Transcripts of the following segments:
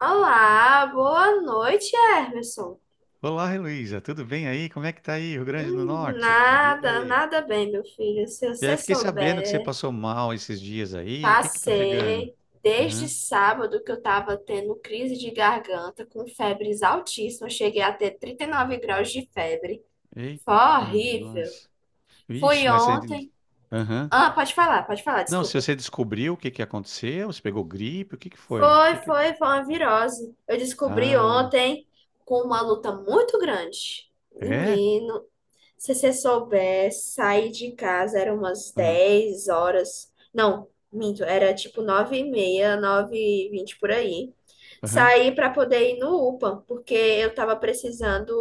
Olá, boa noite, Emerson. Olá, Heloísa, tudo bem aí? Como é que tá aí, Rio Grande do Norte? Me diz Nada, aí. nada bem, meu filho. Se E aí, você fiquei sabendo que você souber, passou mal esses dias aí. O que que tá pegando? passei desde Aham. sábado que eu tava tendo crise de garganta com febres altíssimas. Cheguei a ter 39 graus de febre. Foi Eita, horrível. nós. Fui Vixe, mas você... ontem. Aham. Ah, pode falar, Não, se desculpa. você descobriu o que que aconteceu, você pegou gripe, o que que foi? Foi, É? foi, foi uma virose. Eu descobri Ah, ontem com uma luta muito grande. é? Menino, se você soubesse, sair de casa era umas Aham, 10 horas. Não, minto, era tipo 9h30, 9h20 por aí. aham, Saí para poder ir no UPA, porque eu tava precisando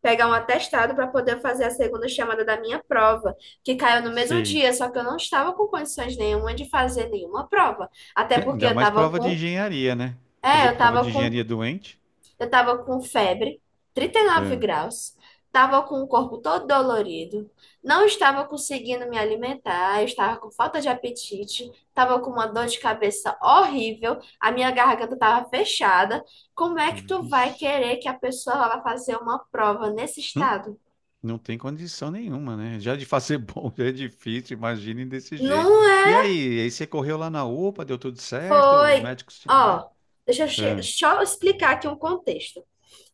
pegar um atestado para poder fazer a segunda chamada da minha prova, que caiu no mesmo sei. dia, só que eu não estava com condições nenhuma de fazer nenhuma prova. Até Ah, porque ainda eu mais tava prova de com, engenharia, né? é, Fazer prova de engenharia doente? eu tava com febre, trinta e nove Ah, graus, tava com o corpo todo dolorido, não estava conseguindo me alimentar, eu estava com falta de apetite, tava com uma dor de cabeça horrível, a minha garganta tava fechada. Como é que tu vai vixe. querer que a pessoa vá fazer uma prova nesse Hum? estado? Não tem condição nenhuma, né? Já de fazer bom já é difícil, imagine desse jeito. Não é, E aí, você correu lá na UPA, deu tudo certo? Os foi. médicos, né? Ó, deixa eu Ah, só explicar aqui um contexto.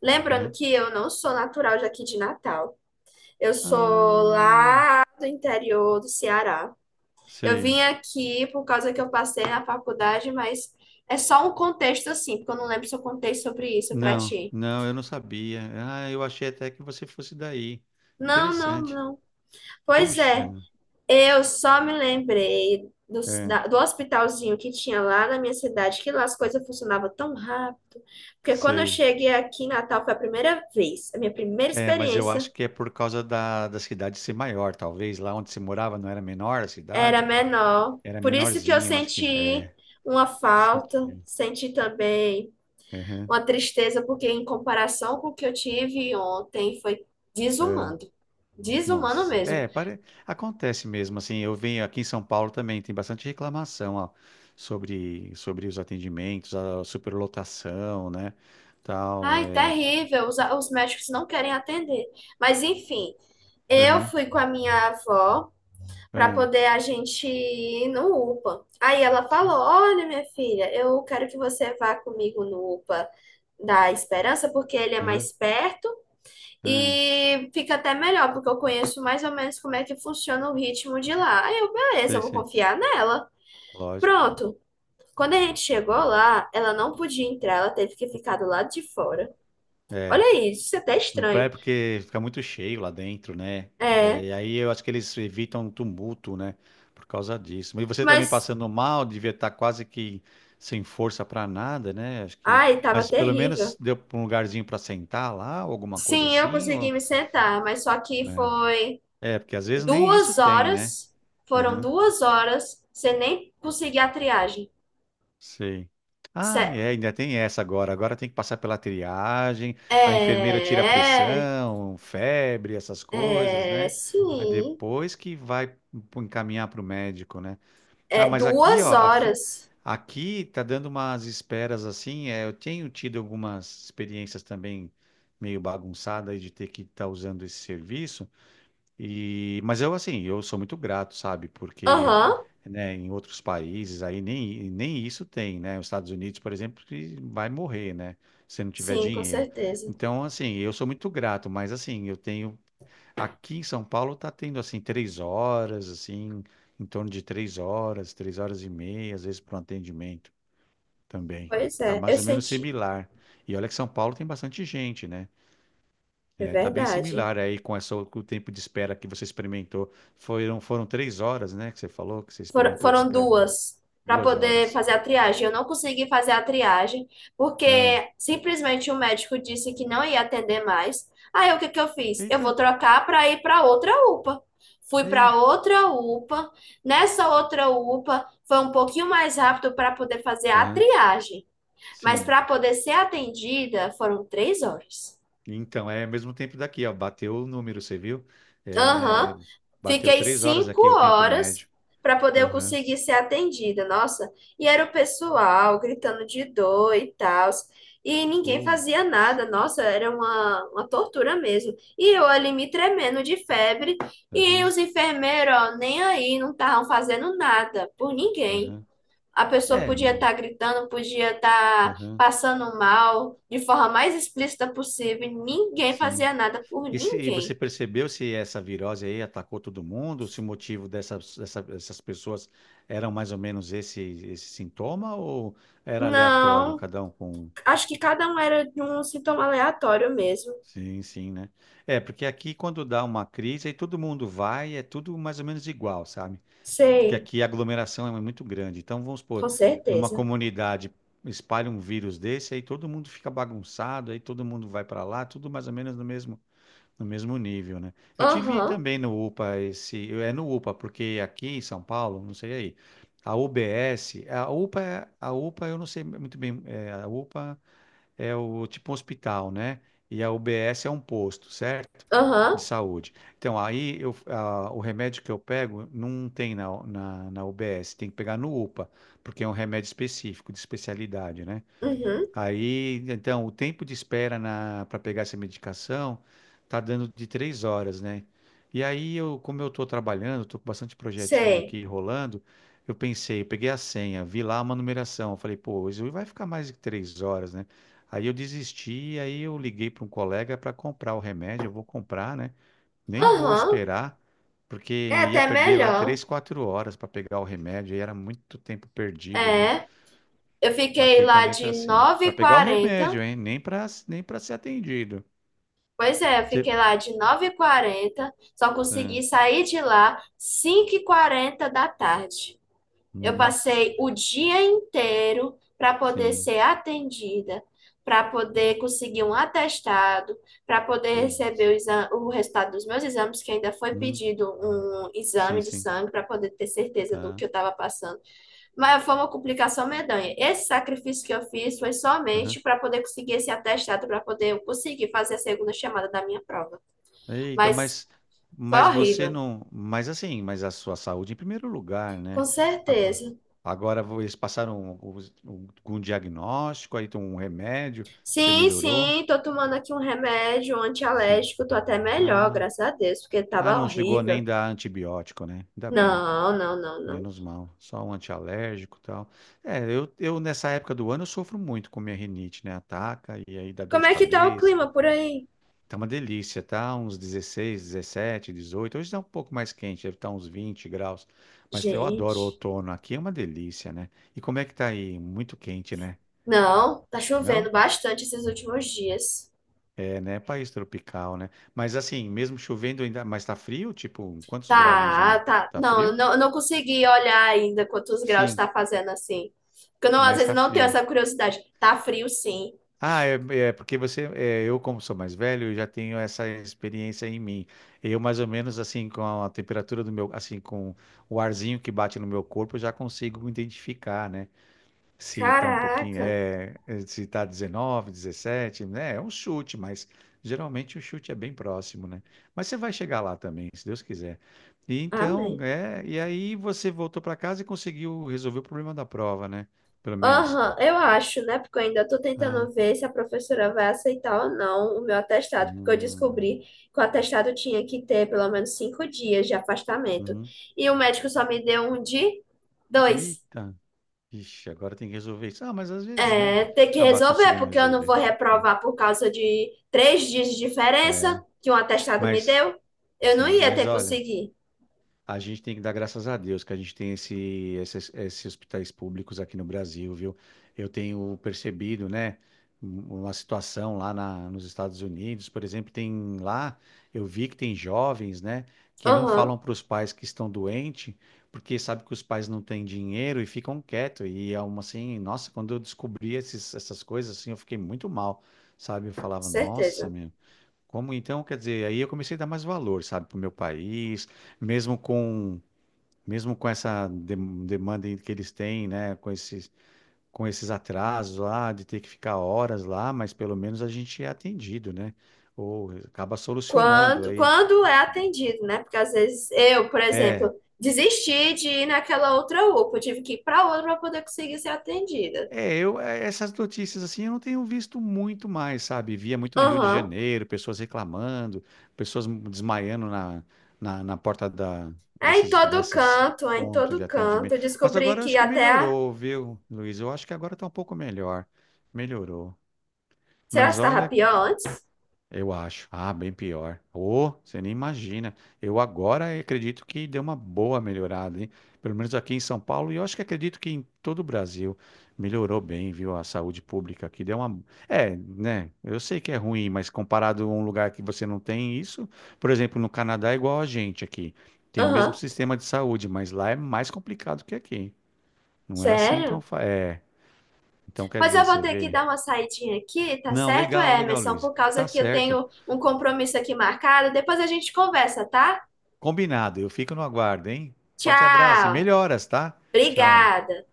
Lembrando aham. que eu não sou natural daqui de Natal. Eu sou lá Ah, do interior do Ceará. Eu sei. vim aqui por causa que eu passei na faculdade, mas é só um contexto assim, porque eu não lembro se eu contei sobre isso pra Não, ti. não, eu não sabia. Ah, eu achei até que você fosse daí. Não, não, Interessante. não. Pois é, Puxa, eu só me lembrei é, do hospitalzinho que tinha lá na minha cidade, que lá as coisas funcionavam tão rápido. Porque quando eu sei. cheguei aqui em Natal foi a primeira vez, a minha primeira É, mas eu experiência acho que é por causa da cidade ser maior, talvez. Lá onde você morava não era menor a era cidade, menor. era Por isso que eu menorzinho, eu acho que senti é. uma falta, Sentido. senti também Aham, uma tristeza, porque em comparação com o que eu tive ontem, foi é. desumano. Desumano Nossa, mesmo. é, acontece mesmo, assim, eu venho aqui em São Paulo também, tem bastante reclamação, ó, sobre os atendimentos, a superlotação, né, tal, Ai, é, terrível, os médicos não querem atender. Mas enfim, eu aham, fui com a minha avó para aham, poder a gente ir no UPA. Aí ela falou: sim. olha, minha filha, eu quero que você vá comigo no UPA da Esperança, porque ele é Aham, mais perto aham, e fica até melhor, porque eu conheço mais ou menos como é que funciona o ritmo de lá. Aí eu, beleza, eu sei, vou sei, confiar nela. lógico, Pronto. Quando a gente chegou lá, ela não podia entrar, ela teve que ficar do lado de fora. é. Olha isso, isso é até Não é estranho. porque fica muito cheio lá dentro, né? É, É. E aí eu acho que eles evitam tumulto, né? Por causa disso. Mas você também mas, passando mal, devia estar quase que sem força para nada, né? Acho que. ai, tava Mas pelo menos terrível. deu pra um lugarzinho para sentar lá, ou alguma coisa Sim, eu assim. consegui Ou... me sentar, mas só que É. foi É, porque às vezes nem isso duas tem, né? horas, foram 2 horas sem nem conseguir a triagem. Sei. Ah, Sé- é, ainda tem essa agora. Agora tem que passar pela triagem, a enfermeira tira a É, pressão, febre, essas coisas, é, né? Aí sim. depois que vai encaminhar para o médico, né? Ah, É, mas aqui, duas ó, horas. aqui tá dando umas esperas assim. É, eu tenho tido algumas experiências também meio bagunçadas aí de ter que estar usando esse serviço. E, mas eu, assim, eu sou muito grato, sabe? Porque, Aham, né, em outros países aí nem isso tem, né? Os Estados Unidos, por exemplo, que vai morrer, né? Se não tiver sim, com dinheiro. certeza. Então, assim, eu sou muito grato, mas, assim, eu tenho... Aqui em São Paulo tá tendo, assim, 3 horas, assim, em torno de 3 horas, 3 horas e meia, às vezes, para um atendimento também. Pois Tá é, mais eu ou menos senti. similar. E olha que São Paulo tem bastante gente, né? É É, tá bem verdade. similar aí com essa, com o tempo de espera que você experimentou. Foram 3 horas, né, que você falou que você Foram, experimentou de foram espera. duas para Duas poder horas. fazer a triagem. Eu não consegui fazer a triagem porque Ah, simplesmente o médico disse que não ia atender mais. Aí o que que eu fiz? Eu vou eita, trocar para ir para outra UPA. Fui para eita. outra UPA. Nessa outra UPA foi um pouquinho mais rápido para poder fazer a Aham, triagem, mas sim. para poder ser atendida foram 3 horas. Então, é mesmo tempo daqui, ó. Bateu o número, você viu? É, Aham. bateu Fiquei 3 horas cinco aqui o tempo horas médio. para poder eu Aham. conseguir ser atendida, nossa. E era o pessoal gritando de dor e tal. E ninguém fazia Putz. nada, nossa, era uma tortura mesmo. E eu ali me tremendo de febre. E Aham, os enfermeiros, ó, nem aí, não estavam fazendo nada por ninguém. aham. A pessoa É, podia estar gritando, podia estar aham, passando mal, de forma mais explícita possível. E ninguém sim. fazia nada por E se você ninguém. percebeu se essa virose aí atacou todo mundo, se o motivo dessas pessoas eram mais ou menos esse sintoma ou era aleatório, Não, cada um com. acho que cada um era de um sintoma aleatório mesmo. Sim, sim, né? É, porque aqui quando dá uma crise, aí todo mundo vai, é tudo mais ou menos igual, sabe? Porque Sei, aqui a aglomeração é muito grande. Então, vamos supor, com numa certeza. comunidade espalha um vírus desse, aí todo mundo fica bagunçado, aí todo mundo vai para lá, tudo mais ou menos no mesmo nível, né? Eu tive Aham, também no UPA esse, é no UPA, porque aqui em São Paulo, não sei aí, a UBS, a UPA, a UPA eu não sei muito bem, é, a UPA é o tipo um hospital, né? E a UBS é um posto, certo? aham, De saúde. Então, aí eu, o remédio que eu pego não tem na UBS, tem que pegar no UPA, porque é um remédio específico, de especialidade, né? uhum, Aí, então, o tempo de espera para pegar essa medicação tá dando de 3 horas, né? E aí eu, como eu tô trabalhando, tô com bastante projetinho sei. aqui rolando, eu pensei, eu peguei a senha, vi lá uma numeração, eu falei, pô, isso vai ficar mais de 3 horas, né? Aí eu desisti, aí eu liguei para um colega para comprar o remédio, eu vou comprar, né? Nem vou Aham, esperar, é porque ia até perder lá melhor. 3, 4 horas para pegar o remédio, e era muito tempo perdido, viu? É, eu fiquei Aqui lá também tá de assim. nove Pra h pegar o 40 remédio, hein? Nem para ser atendido. Pois é, eu fiquei Você- lá de nove h 40, só Ah, consegui sair de lá cinco h 40 da tarde. Eu nossa, passei o dia inteiro para poder sim. ser atendida, para poder conseguir um atestado, para poder receber Putz. O resultado dos meus exames, que ainda foi Hum, pedido um exame sim, de sim, sangue para poder ter certeza do tá. que eu estava passando. Mas foi uma complicação medonha. Esse sacrifício que eu fiz foi Aham. somente para poder conseguir esse atestado, para poder conseguir fazer a segunda chamada da minha prova. Eita, Mas mas foi você horrível. não, mas assim, mas a sua saúde em primeiro lugar, Com né? Agora, certeza. agora eles passaram algum diagnóstico, aí tem um remédio, você Sim, melhorou? sim, tô tomando aqui um remédio Sim. antialérgico, tô até melhor, Ah, graças a Deus, porque ah, tava não chegou horrível. nem dar antibiótico, né? Ainda bem. Não, não, não, não. Menos mal, só um antialérgico e tal. É, eu nessa época do ano eu sofro muito com minha rinite, né? Ataca e aí dá dor Como de é que tá o cabeça. clima por aí? Tá uma delícia, tá? Uns 16, 17, 18. Hoje tá um pouco mais quente, deve estar uns 20 graus. Mas eu adoro o Gente, outono, aqui é uma delícia, né? E como é que tá aí? Muito quente, né? não, tá chovendo Não? bastante esses últimos dias. É, né? País tropical, né? Mas assim, mesmo chovendo ainda, mas tá frio? Tipo, quantos graus mais ou Tá, menos? tá. Tá Não, frio? Eu não consegui olhar ainda quantos graus Sim, tá fazendo assim. Porque eu não, às mas vezes tá não tenho frio. essa curiosidade. Tá frio, sim. Ah, é, porque você, é, eu como sou mais velho, eu já tenho essa experiência em mim. Eu mais ou menos assim com a temperatura do meu, assim com o arzinho que bate no meu corpo, eu já consigo identificar, né? Se tá um pouquinho, Caraca. Se tá 19, 17, né? É um chute, mas geralmente o chute é bem próximo, né? Mas você vai chegar lá também, se Deus quiser. E então, Amém. é, e aí você voltou para casa e conseguiu resolver o problema da prova, né? Pelo menos. Aham, eu acho, né? Porque eu ainda tô Ah, tentando ver se a professora vai aceitar ou não o meu ah, atestado, porque eu descobri que o atestado tinha que ter pelo menos 5 dias de afastamento. uhum. E o médico só me deu um de dois. Eita, ixi, agora tem que resolver isso. Ah, mas às vezes, né? É, tem que Acabar resolver, conseguindo porque eu não resolver. vou Né? reprovar por causa de 3 dias de É, diferença que um atestado me mas, deu. Eu não sim, ia mas ter olha, conseguido. a gente tem que dar graças a Deus que a gente tem esses hospitais públicos aqui no Brasil, viu? Eu tenho percebido, né, uma situação lá nos Estados Unidos, por exemplo, tem lá, eu vi que tem jovens, né, que não Aham, falam para os pais que estão doentes, porque sabe que os pais não têm dinheiro e ficam quietos. E é uma assim, nossa, quando eu descobri essas coisas, assim, eu fiquei muito mal, sabe? Eu com falava, nossa, certeza. meu. Como então, quer dizer, aí eu comecei a dar mais valor, sabe, para o meu país, mesmo com mesmo com essa demanda que eles têm, né, com esses atrasos lá de ter que ficar horas lá, mas pelo menos a gente é atendido, né? Ou acaba solucionando Quando, aí. quando é atendido, né? Porque às vezes eu, por É, exemplo, desisti de ir naquela outra UPA, eu tive que ir para outra para poder conseguir ser atendida. é, eu, essas notícias assim, eu não tenho visto muito mais, sabe? Via muito no Rio de Aham. Janeiro, pessoas reclamando, pessoas desmaiando na porta da, É em todo desses canto, é em pontos de todo canto. Eu atendimento. Mas descobri agora eu que acho que até a. melhorou, viu, Luiz? Eu acho que agora tá um pouco melhor. Melhorou. Será que Mas estava olha, pior antes? eu acho. Ah, bem pior. Ô, você nem imagina. Eu agora acredito que deu uma boa melhorada, hein? Pelo menos aqui em São Paulo, e eu acho que acredito que em todo o Brasil melhorou bem, viu? A saúde pública aqui deu uma. É, né? Eu sei que é ruim, mas comparado a um lugar que você não tem isso, por exemplo, no Canadá é igual a gente aqui. Tem o mesmo Aham. sistema de saúde, mas lá é mais complicado que aqui. Não é assim, então. Sério? É. Então quer Pois dizer, eu vou você ter que vê. dar uma saidinha aqui, tá Não, certo, legal, legal, Emerson? Luiz. Por causa Tá que eu certo. tenho um compromisso aqui marcado. Depois a gente conversa, tá? Combinado. Eu fico no aguardo, hein? Forte abraço e Tchau. melhoras, tá? Tchau. Obrigada.